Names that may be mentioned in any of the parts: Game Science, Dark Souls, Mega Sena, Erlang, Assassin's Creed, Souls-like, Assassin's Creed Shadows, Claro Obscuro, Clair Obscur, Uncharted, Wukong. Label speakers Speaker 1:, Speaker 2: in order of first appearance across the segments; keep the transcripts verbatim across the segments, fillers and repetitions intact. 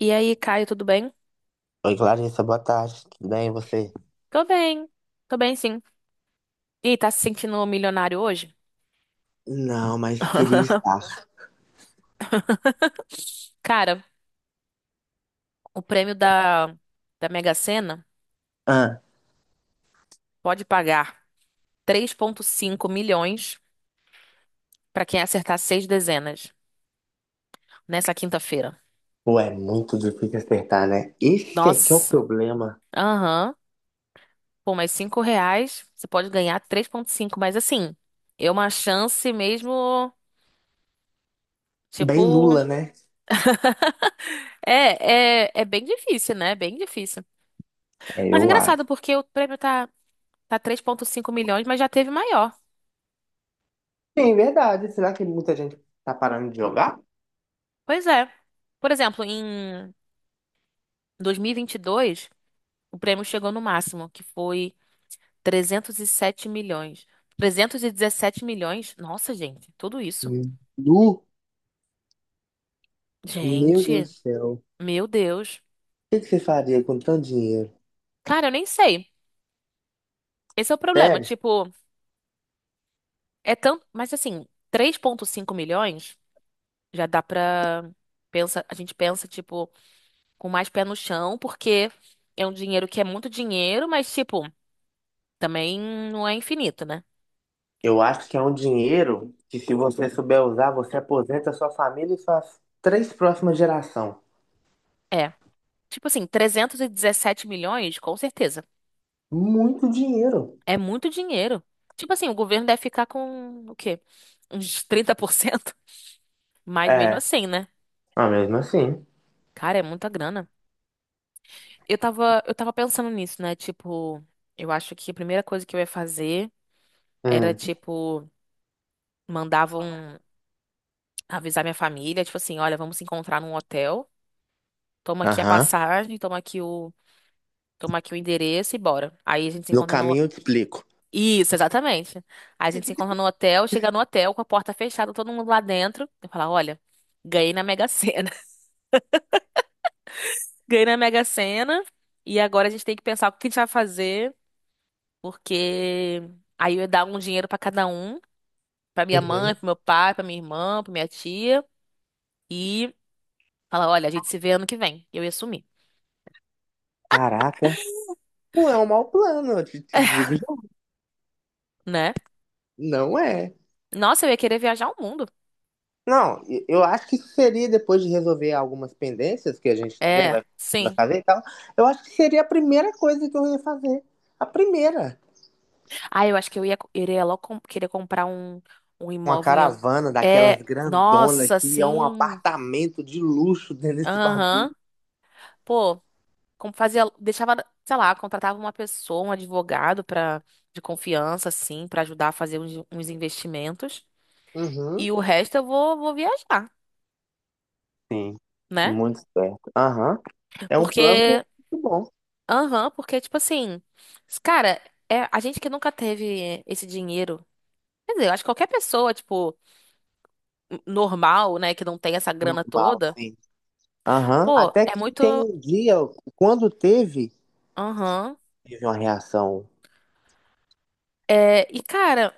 Speaker 1: E aí, Caio, tudo bem?
Speaker 2: Oi, Clarissa, boa tarde. Tudo bem, e você?
Speaker 1: Tô bem, tô bem sim. E tá se sentindo milionário hoje?
Speaker 2: Não, mas queria estar.
Speaker 1: Cara, o prêmio da, da Mega Sena
Speaker 2: Ah,
Speaker 1: pode pagar três vírgula cinco milhões pra quem acertar seis dezenas nessa quinta-feira.
Speaker 2: pô, é muito difícil acertar, né? Esse aqui é o
Speaker 1: Nossa,
Speaker 2: problema.
Speaker 1: aham. Por mais cinco reais, você pode ganhar três vírgula cinco. Mas assim, é uma chance mesmo.
Speaker 2: Bem
Speaker 1: Tipo,
Speaker 2: nula, né?
Speaker 1: é, é, é bem difícil, né? É bem difícil.
Speaker 2: É,
Speaker 1: Mas é
Speaker 2: eu
Speaker 1: engraçado
Speaker 2: acho.
Speaker 1: porque o prêmio tá, tá três vírgula cinco milhões, mas já teve maior.
Speaker 2: Sim, verdade. Será que muita gente tá parando de jogar?
Speaker 1: Pois é. Por exemplo, em dois mil e e vinte e dois o prêmio chegou no máximo, que foi trezentos e sete milhões. trezentos e dezessete milhões? Nossa, gente, tudo isso.
Speaker 2: Hum. Nu, meu Deus
Speaker 1: Gente,
Speaker 2: do céu. O
Speaker 1: meu Deus.
Speaker 2: que que você faria com tanto dinheiro?
Speaker 1: Cara, eu nem sei. Esse é o problema.
Speaker 2: Sério?
Speaker 1: Tipo, é tanto. Mas assim, três vírgula cinco milhões já dá pra. Pensa. A gente pensa, tipo, com mais pé no chão, porque é um dinheiro que é muito dinheiro, mas, tipo, também não é infinito, né?
Speaker 2: Eu acho que é um dinheiro que, se você souber usar, você aposenta sua família e suas três próximas gerações.
Speaker 1: É. Tipo assim, trezentos e dezessete milhões, com certeza.
Speaker 2: Muito dinheiro.
Speaker 1: É muito dinheiro. Tipo assim, o governo deve ficar com o quê? Uns trinta por cento. Mas mesmo
Speaker 2: É,
Speaker 1: assim, né?
Speaker 2: mas mesmo assim.
Speaker 1: Cara, é muita grana. Eu tava, eu tava pensando nisso, né? Tipo, eu acho que a primeira coisa que eu ia fazer era,
Speaker 2: Hum.
Speaker 1: tipo, mandavam avisar minha família, tipo assim, olha, vamos se encontrar num hotel. Toma aqui a
Speaker 2: Aham.
Speaker 1: passagem, toma aqui o, toma aqui o endereço e bora. Aí a gente se
Speaker 2: No
Speaker 1: encontra no.
Speaker 2: caminho eu te explico.
Speaker 1: Isso, exatamente. A gente se encontra no hotel, chega no hotel com a porta fechada, todo mundo lá dentro. Eu falo, olha, ganhei na Mega Sena. Ganhei na Mega Sena e agora a gente tem que pensar o que a gente vai fazer, porque aí eu ia dar um dinheiro pra cada um, pra minha
Speaker 2: Uhum.
Speaker 1: mãe, pro meu pai, pra minha irmã, pra minha tia e falar, olha, a gente se vê ano que vem. Eu ia sumir,
Speaker 2: Caraca. Não é um mau plano, eu te, te digo já.
Speaker 1: né?
Speaker 2: Não é.
Speaker 1: Nossa, eu ia querer viajar o mundo.
Speaker 2: Não, e- eu acho que seria depois de resolver algumas pendências que a gente, né,
Speaker 1: É,
Speaker 2: vai, vai
Speaker 1: sim.
Speaker 2: fazer e tal. Eu acho que seria a primeira coisa que eu ia fazer. A primeira.
Speaker 1: Ah, eu acho que eu ia, iria logo com- querer comprar um, um
Speaker 2: Uma
Speaker 1: imóvel em algum.
Speaker 2: caravana daquelas
Speaker 1: É,
Speaker 2: grandona
Speaker 1: nossa,
Speaker 2: que é um
Speaker 1: sim.
Speaker 2: apartamento de luxo dentro desse bagulho.
Speaker 1: Aham. Pô, como fazia, deixava, sei lá, contratava uma pessoa, um advogado para de confiança, assim, pra ajudar a fazer uns, uns investimentos.
Speaker 2: Uhum.
Speaker 1: E o resto eu vou, vou viajar,
Speaker 2: Sim,
Speaker 1: né?
Speaker 2: muito certo. Aham. É um plano
Speaker 1: Porque,
Speaker 2: muito bom.
Speaker 1: aham, porque, tipo assim, cara, é, a gente que nunca teve esse dinheiro. Quer dizer, eu acho que qualquer pessoa, tipo, normal, né, que não tem essa grana
Speaker 2: Normal,
Speaker 1: toda.
Speaker 2: sim. Aham.
Speaker 1: Pô,
Speaker 2: Até
Speaker 1: é
Speaker 2: que
Speaker 1: muito.
Speaker 2: tem um dia, quando teve,
Speaker 1: Aham.
Speaker 2: teve uma reação.
Speaker 1: É, e, cara,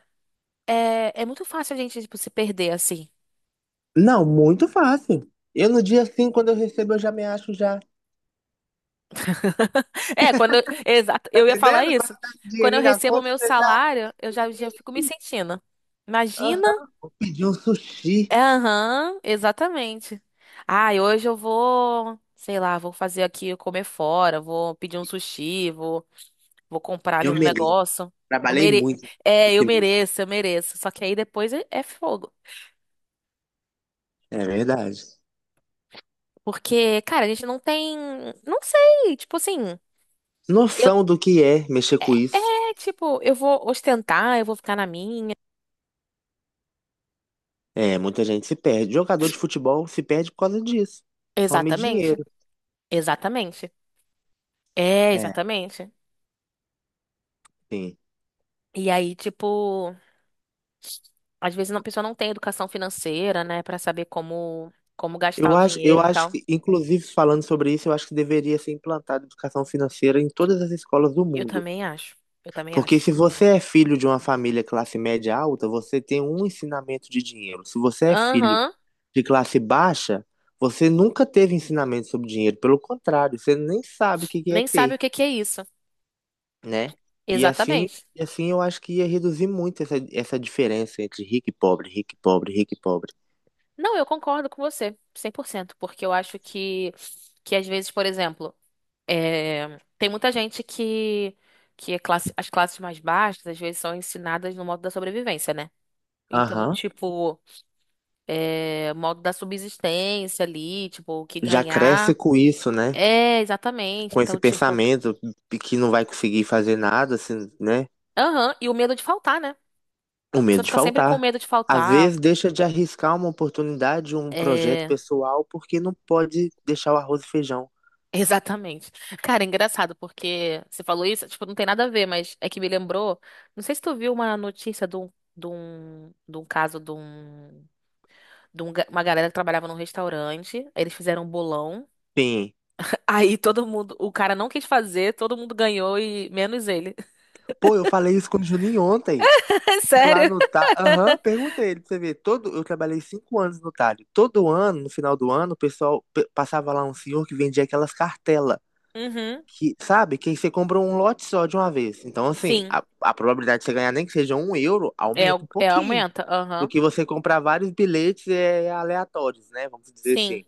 Speaker 1: é, é muito fácil a gente, tipo, se perder assim.
Speaker 2: Não, muito fácil. Eu no dia assim, quando eu recebo, eu já me acho já.
Speaker 1: É, quando. Eu. Exato,
Speaker 2: Tá
Speaker 1: eu ia falar
Speaker 2: entendendo? Quando
Speaker 1: isso.
Speaker 2: tá com
Speaker 1: Quando eu
Speaker 2: dinheirinho na
Speaker 1: recebo o
Speaker 2: conta,
Speaker 1: meu
Speaker 2: você já.
Speaker 1: salário, eu já, já fico me sentindo. Imagina?
Speaker 2: Aham. Pedi um sushi.
Speaker 1: É, aham, exatamente. Ai, hoje eu vou, sei lá, vou fazer aqui, comer fora, vou pedir um sushi, vou, vou comprar ali
Speaker 2: Eu
Speaker 1: um
Speaker 2: mereço.
Speaker 1: negócio. Eu
Speaker 2: Trabalhei
Speaker 1: mere.
Speaker 2: muito
Speaker 1: É, eu
Speaker 2: esse mês.
Speaker 1: mereço, eu mereço. Só que aí depois é é fogo.
Speaker 2: É verdade.
Speaker 1: Porque, cara, a gente não tem. Não sei, tipo assim. Eu.
Speaker 2: Noção do que é mexer
Speaker 1: É,
Speaker 2: com isso.
Speaker 1: é, tipo, eu vou ostentar, eu vou ficar na minha.
Speaker 2: É, muita gente se perde. Jogador de futebol se perde por causa disso. Fome e
Speaker 1: Exatamente,
Speaker 2: dinheiro.
Speaker 1: exatamente. É,
Speaker 2: É,
Speaker 1: exatamente.
Speaker 2: sim.
Speaker 1: E aí, tipo, às vezes a pessoa não tem educação financeira, né, pra saber como, como gastar
Speaker 2: Eu
Speaker 1: o
Speaker 2: acho, eu
Speaker 1: dinheiro e
Speaker 2: acho
Speaker 1: tal.
Speaker 2: que, inclusive, falando sobre isso, eu acho que deveria ser implantada educação financeira em todas as escolas do
Speaker 1: Eu
Speaker 2: mundo.
Speaker 1: também acho, eu também
Speaker 2: Porque
Speaker 1: acho.
Speaker 2: se você é filho de uma família classe média alta, você tem um ensinamento de dinheiro. Se você é filho
Speaker 1: Aham,
Speaker 2: de classe baixa, você nunca teve ensinamento sobre dinheiro. Pelo contrário, você nem sabe o que que é
Speaker 1: nem sabe
Speaker 2: ter,
Speaker 1: o que que é isso.
Speaker 2: né? E assim,
Speaker 1: Exatamente.
Speaker 2: e assim eu acho que ia reduzir muito essa, essa diferença entre rico e pobre, rico e pobre, rico e pobre.
Speaker 1: Não, eu concordo com você, cem por cento, porque eu acho que, que às vezes, por exemplo. É, tem muita gente que, que é classe- as classes mais baixas, às vezes, são ensinadas no modo da sobrevivência, né? Então,
Speaker 2: Aham.
Speaker 1: tipo, é, modo da subsistência ali, tipo, o que
Speaker 2: Já cresce
Speaker 1: ganhar.
Speaker 2: com isso, né?
Speaker 1: É, exatamente.
Speaker 2: Com esse
Speaker 1: Então, tipo,
Speaker 2: pensamento de que não vai conseguir fazer nada, assim, né?
Speaker 1: aham, e o medo de faltar, né? A
Speaker 2: O
Speaker 1: pessoa
Speaker 2: medo de
Speaker 1: fica sempre com
Speaker 2: faltar.
Speaker 1: medo de
Speaker 2: Às
Speaker 1: faltar.
Speaker 2: vezes deixa de arriscar uma oportunidade, um projeto
Speaker 1: É,
Speaker 2: pessoal, porque não pode deixar o arroz e feijão.
Speaker 1: exatamente. Cara, é engraçado, porque você falou isso, tipo, não tem nada a ver, mas é que me lembrou. Não sei se tu viu uma notícia de um, de um, de um caso de um. de um ga- uma galera que trabalhava num restaurante. Aí eles fizeram um bolão.
Speaker 2: Sim.
Speaker 1: Aí todo mundo, o cara não quis fazer, todo mundo ganhou e menos ele.
Speaker 2: Pô, eu falei isso com o Juninho ontem.
Speaker 1: É
Speaker 2: E lá
Speaker 1: sério?
Speaker 2: no Talho. Aham, perguntei ele pra você ver. Todo... Eu trabalhei cinco anos no Talho. Todo ano, no final do ano, o pessoal pe- passava lá um senhor que vendia aquelas cartelas.
Speaker 1: Uhum.
Speaker 2: Que, sabe, que aí você compra um lote só de uma vez. Então, assim,
Speaker 1: Sim.
Speaker 2: a, a probabilidade de você ganhar nem que seja um euro
Speaker 1: É,
Speaker 2: aumenta
Speaker 1: o-
Speaker 2: um
Speaker 1: é
Speaker 2: pouquinho
Speaker 1: aumenta.
Speaker 2: do
Speaker 1: Aham.
Speaker 2: que você comprar vários bilhetes é, aleatórios, né? Vamos dizer
Speaker 1: Sim.
Speaker 2: assim.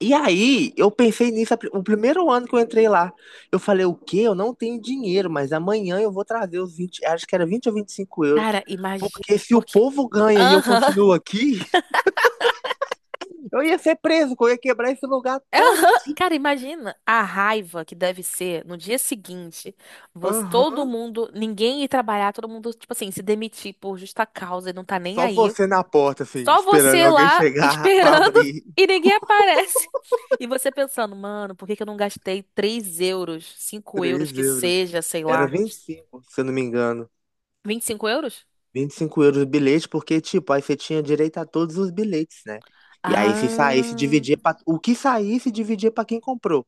Speaker 2: E aí, eu pensei nisso, a pri- o primeiro ano que eu entrei lá, eu falei, o quê? Eu não tenho dinheiro, mas amanhã eu vou trazer os vinte, acho que era vinte ou vinte e cinco euros.
Speaker 1: Cara, imagina.
Speaker 2: Porque se o
Speaker 1: Porque.
Speaker 2: povo ganha e eu
Speaker 1: Aham.
Speaker 2: continuo aqui, eu ia ser preso, que eu ia quebrar esse lugar
Speaker 1: É
Speaker 2: todo.
Speaker 1: aham. Cara, imagina a raiva que deve ser no dia seguinte. Você, todo
Speaker 2: Aham.
Speaker 1: mundo, ninguém ir trabalhar, todo mundo, tipo assim, se demitir por justa causa e não tá nem
Speaker 2: Só
Speaker 1: aí.
Speaker 2: você na porta, assim,
Speaker 1: Só
Speaker 2: esperando
Speaker 1: você
Speaker 2: alguém
Speaker 1: lá
Speaker 2: chegar pra
Speaker 1: esperando
Speaker 2: abrir.
Speaker 1: e ninguém aparece. E você pensando, mano, por que que eu não gastei três euros, cinco euros
Speaker 2: três
Speaker 1: que
Speaker 2: euros.
Speaker 1: seja, sei
Speaker 2: Era
Speaker 1: lá.
Speaker 2: vinte e cinco se eu não me engano.
Speaker 1: Vinte e cinco euros?
Speaker 2: Vinte e cinco euros o bilhete, porque, tipo, aí você tinha direito a todos os bilhetes, né? E aí, se saísse,
Speaker 1: Ah,
Speaker 2: dividia pra... O que saísse, dividia pra quem comprou.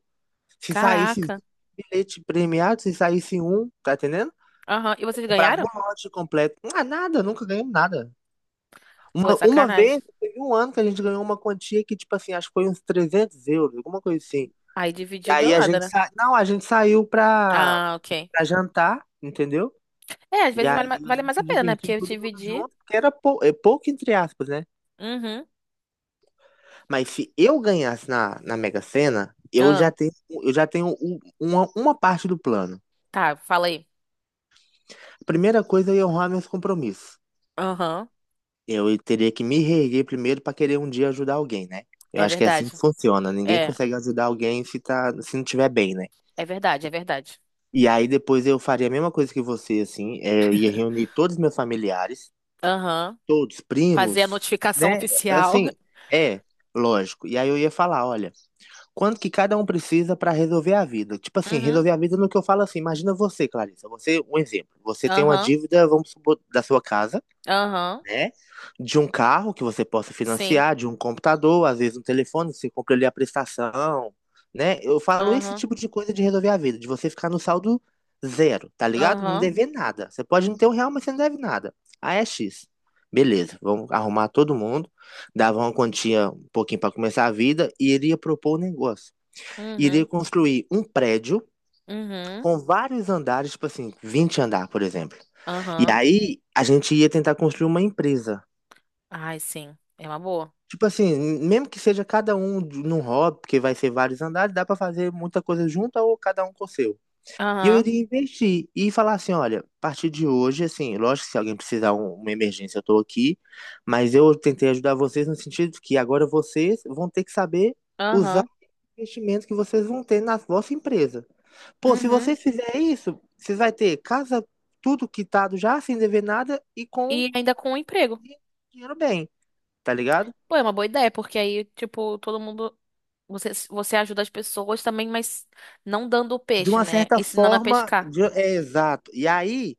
Speaker 2: Se saísse
Speaker 1: caraca.
Speaker 2: vinte bilhete premiado, se saísse um, tá entendendo?
Speaker 1: Aham. E vocês
Speaker 2: Comprava
Speaker 1: ganharam?
Speaker 2: o lote completo. Ah, nada, nunca ganhamos nada.
Speaker 1: Pô, é
Speaker 2: Uma, uma
Speaker 1: sacanagem.
Speaker 2: vez, teve um ano que a gente ganhou uma quantia que, tipo assim, acho que foi uns trezentos euros, alguma coisa assim.
Speaker 1: Aí
Speaker 2: E
Speaker 1: dividiu deu
Speaker 2: aí a
Speaker 1: nada,
Speaker 2: gente
Speaker 1: né?
Speaker 2: sa... não, a gente saiu pra,
Speaker 1: Ah, ok.
Speaker 2: pra jantar, entendeu?
Speaker 1: É, às
Speaker 2: E
Speaker 1: vezes
Speaker 2: aí
Speaker 1: vale, ma-
Speaker 2: a
Speaker 1: vale
Speaker 2: gente
Speaker 1: mais a
Speaker 2: se
Speaker 1: pena, né? Porque
Speaker 2: divertiu
Speaker 1: eu
Speaker 2: todo mundo
Speaker 1: dividi.
Speaker 2: junto, porque era pou... é pouco, entre aspas, né?
Speaker 1: Uhum.
Speaker 2: Mas se eu ganhasse na, na Mega Sena, eu
Speaker 1: Ah,
Speaker 2: já tenho, eu já tenho um- uma, uma parte do plano.
Speaker 1: tá, fala aí.
Speaker 2: A primeira coisa é honrar meus compromissos.
Speaker 1: Aham.
Speaker 2: Eu teria que me reerguer primeiro para querer um dia ajudar alguém, né? Eu
Speaker 1: É
Speaker 2: acho que é assim
Speaker 1: verdade.
Speaker 2: que funciona. Ninguém
Speaker 1: É,
Speaker 2: consegue ajudar alguém se, tá, se não tiver bem, né?
Speaker 1: é verdade, é verdade.
Speaker 2: E aí depois eu faria a mesma coisa que você, assim. é, eu ia reunir todos os meus familiares,
Speaker 1: Aham.
Speaker 2: todos,
Speaker 1: Fazer a
Speaker 2: primos,
Speaker 1: notificação
Speaker 2: né?
Speaker 1: oficial.
Speaker 2: Assim, é, lógico. E aí eu ia falar, olha, quanto que cada um precisa para resolver a vida. Tipo assim, resolver
Speaker 1: Uhum.
Speaker 2: a vida no que eu falo assim, imagina você, Clarissa, você, um exemplo, você tem uma
Speaker 1: Aham,
Speaker 2: dívida, vamos supor, da sua casa,
Speaker 1: aham,
Speaker 2: né? De um carro que você possa
Speaker 1: sim.
Speaker 2: financiar, de um computador, às vezes um telefone, você compra ali a prestação, né? Eu falo esse
Speaker 1: Aham,
Speaker 2: tipo de coisa de resolver a vida, de você ficar no saldo zero, tá ligado? Não
Speaker 1: aham,
Speaker 2: dever nada. Você pode não ter um real, mas você não deve nada. Aí é X. Beleza, vamos arrumar todo mundo, dava uma quantia um pouquinho para começar a vida e ele ia propor um negócio, iria
Speaker 1: uhum,
Speaker 2: construir um prédio
Speaker 1: uhum,
Speaker 2: com vários andares, tipo assim, vinte andar, por exemplo. E
Speaker 1: aham.
Speaker 2: aí a gente ia tentar construir uma empresa.
Speaker 1: Ai, sim, é uma boa.
Speaker 2: Tipo assim, mesmo que seja cada um de- num hobby, porque vai ser vários andares, dá pra fazer muita coisa junta ou cada um com o seu. E eu
Speaker 1: Aham,
Speaker 2: iria investir e falar assim, olha, a partir de hoje, assim, lógico que se alguém precisar um- uma emergência, eu tô aqui, mas eu tentei ajudar vocês no sentido que agora vocês vão ter que saber usar
Speaker 1: aham,
Speaker 2: o investimento que vocês vão ter na vossa empresa. Pô, se
Speaker 1: uhum.
Speaker 2: vocês fizerem isso, vocês vai ter casa, tudo quitado já, sem dever nada e com
Speaker 1: E ainda com o emprego.
Speaker 2: dinheiro bem, tá ligado?
Speaker 1: Pô, é uma boa ideia, porque aí, tipo, todo mundo. Você, você ajuda as pessoas também, mas não dando o
Speaker 2: De
Speaker 1: peixe,
Speaker 2: uma
Speaker 1: né?
Speaker 2: certa
Speaker 1: Ensinando a
Speaker 2: forma,
Speaker 1: pescar.
Speaker 2: de- é exato. E aí,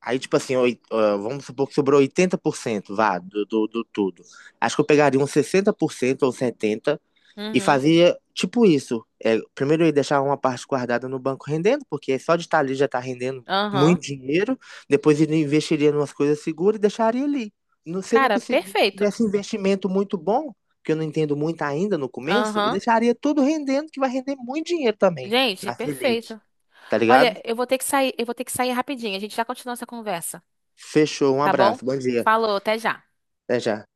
Speaker 2: aí tipo assim, oi- ah, vamos supor que sobrou oitenta por cento, vá, do, do, do tudo. Acho que eu pegaria uns sessenta por cento ou setenta por cento. E
Speaker 1: Uhum,
Speaker 2: fazia tipo isso. É, primeiro eu deixava uma parte guardada no banco rendendo, porque só de estar ali já está rendendo muito
Speaker 1: aham.
Speaker 2: dinheiro. Depois ele investiria em umas coisas seguras e deixaria ali. No- Se eu não
Speaker 1: Cara,
Speaker 2: consegui-
Speaker 1: perfeito.
Speaker 2: tivesse investimento muito bom, que eu não entendo muito ainda no começo, eu
Speaker 1: Aham.
Speaker 2: deixaria tudo rendendo, que vai render muito dinheiro também
Speaker 1: Gente,
Speaker 2: na Selic,
Speaker 1: perfeito.
Speaker 2: tá
Speaker 1: Olha,
Speaker 2: ligado?
Speaker 1: eu vou ter que sair, eu vou ter que sair rapidinho. A gente já continua essa conversa,
Speaker 2: Fechou, um
Speaker 1: tá bom?
Speaker 2: abraço, bom dia.
Speaker 1: Falou, até já.
Speaker 2: Até já.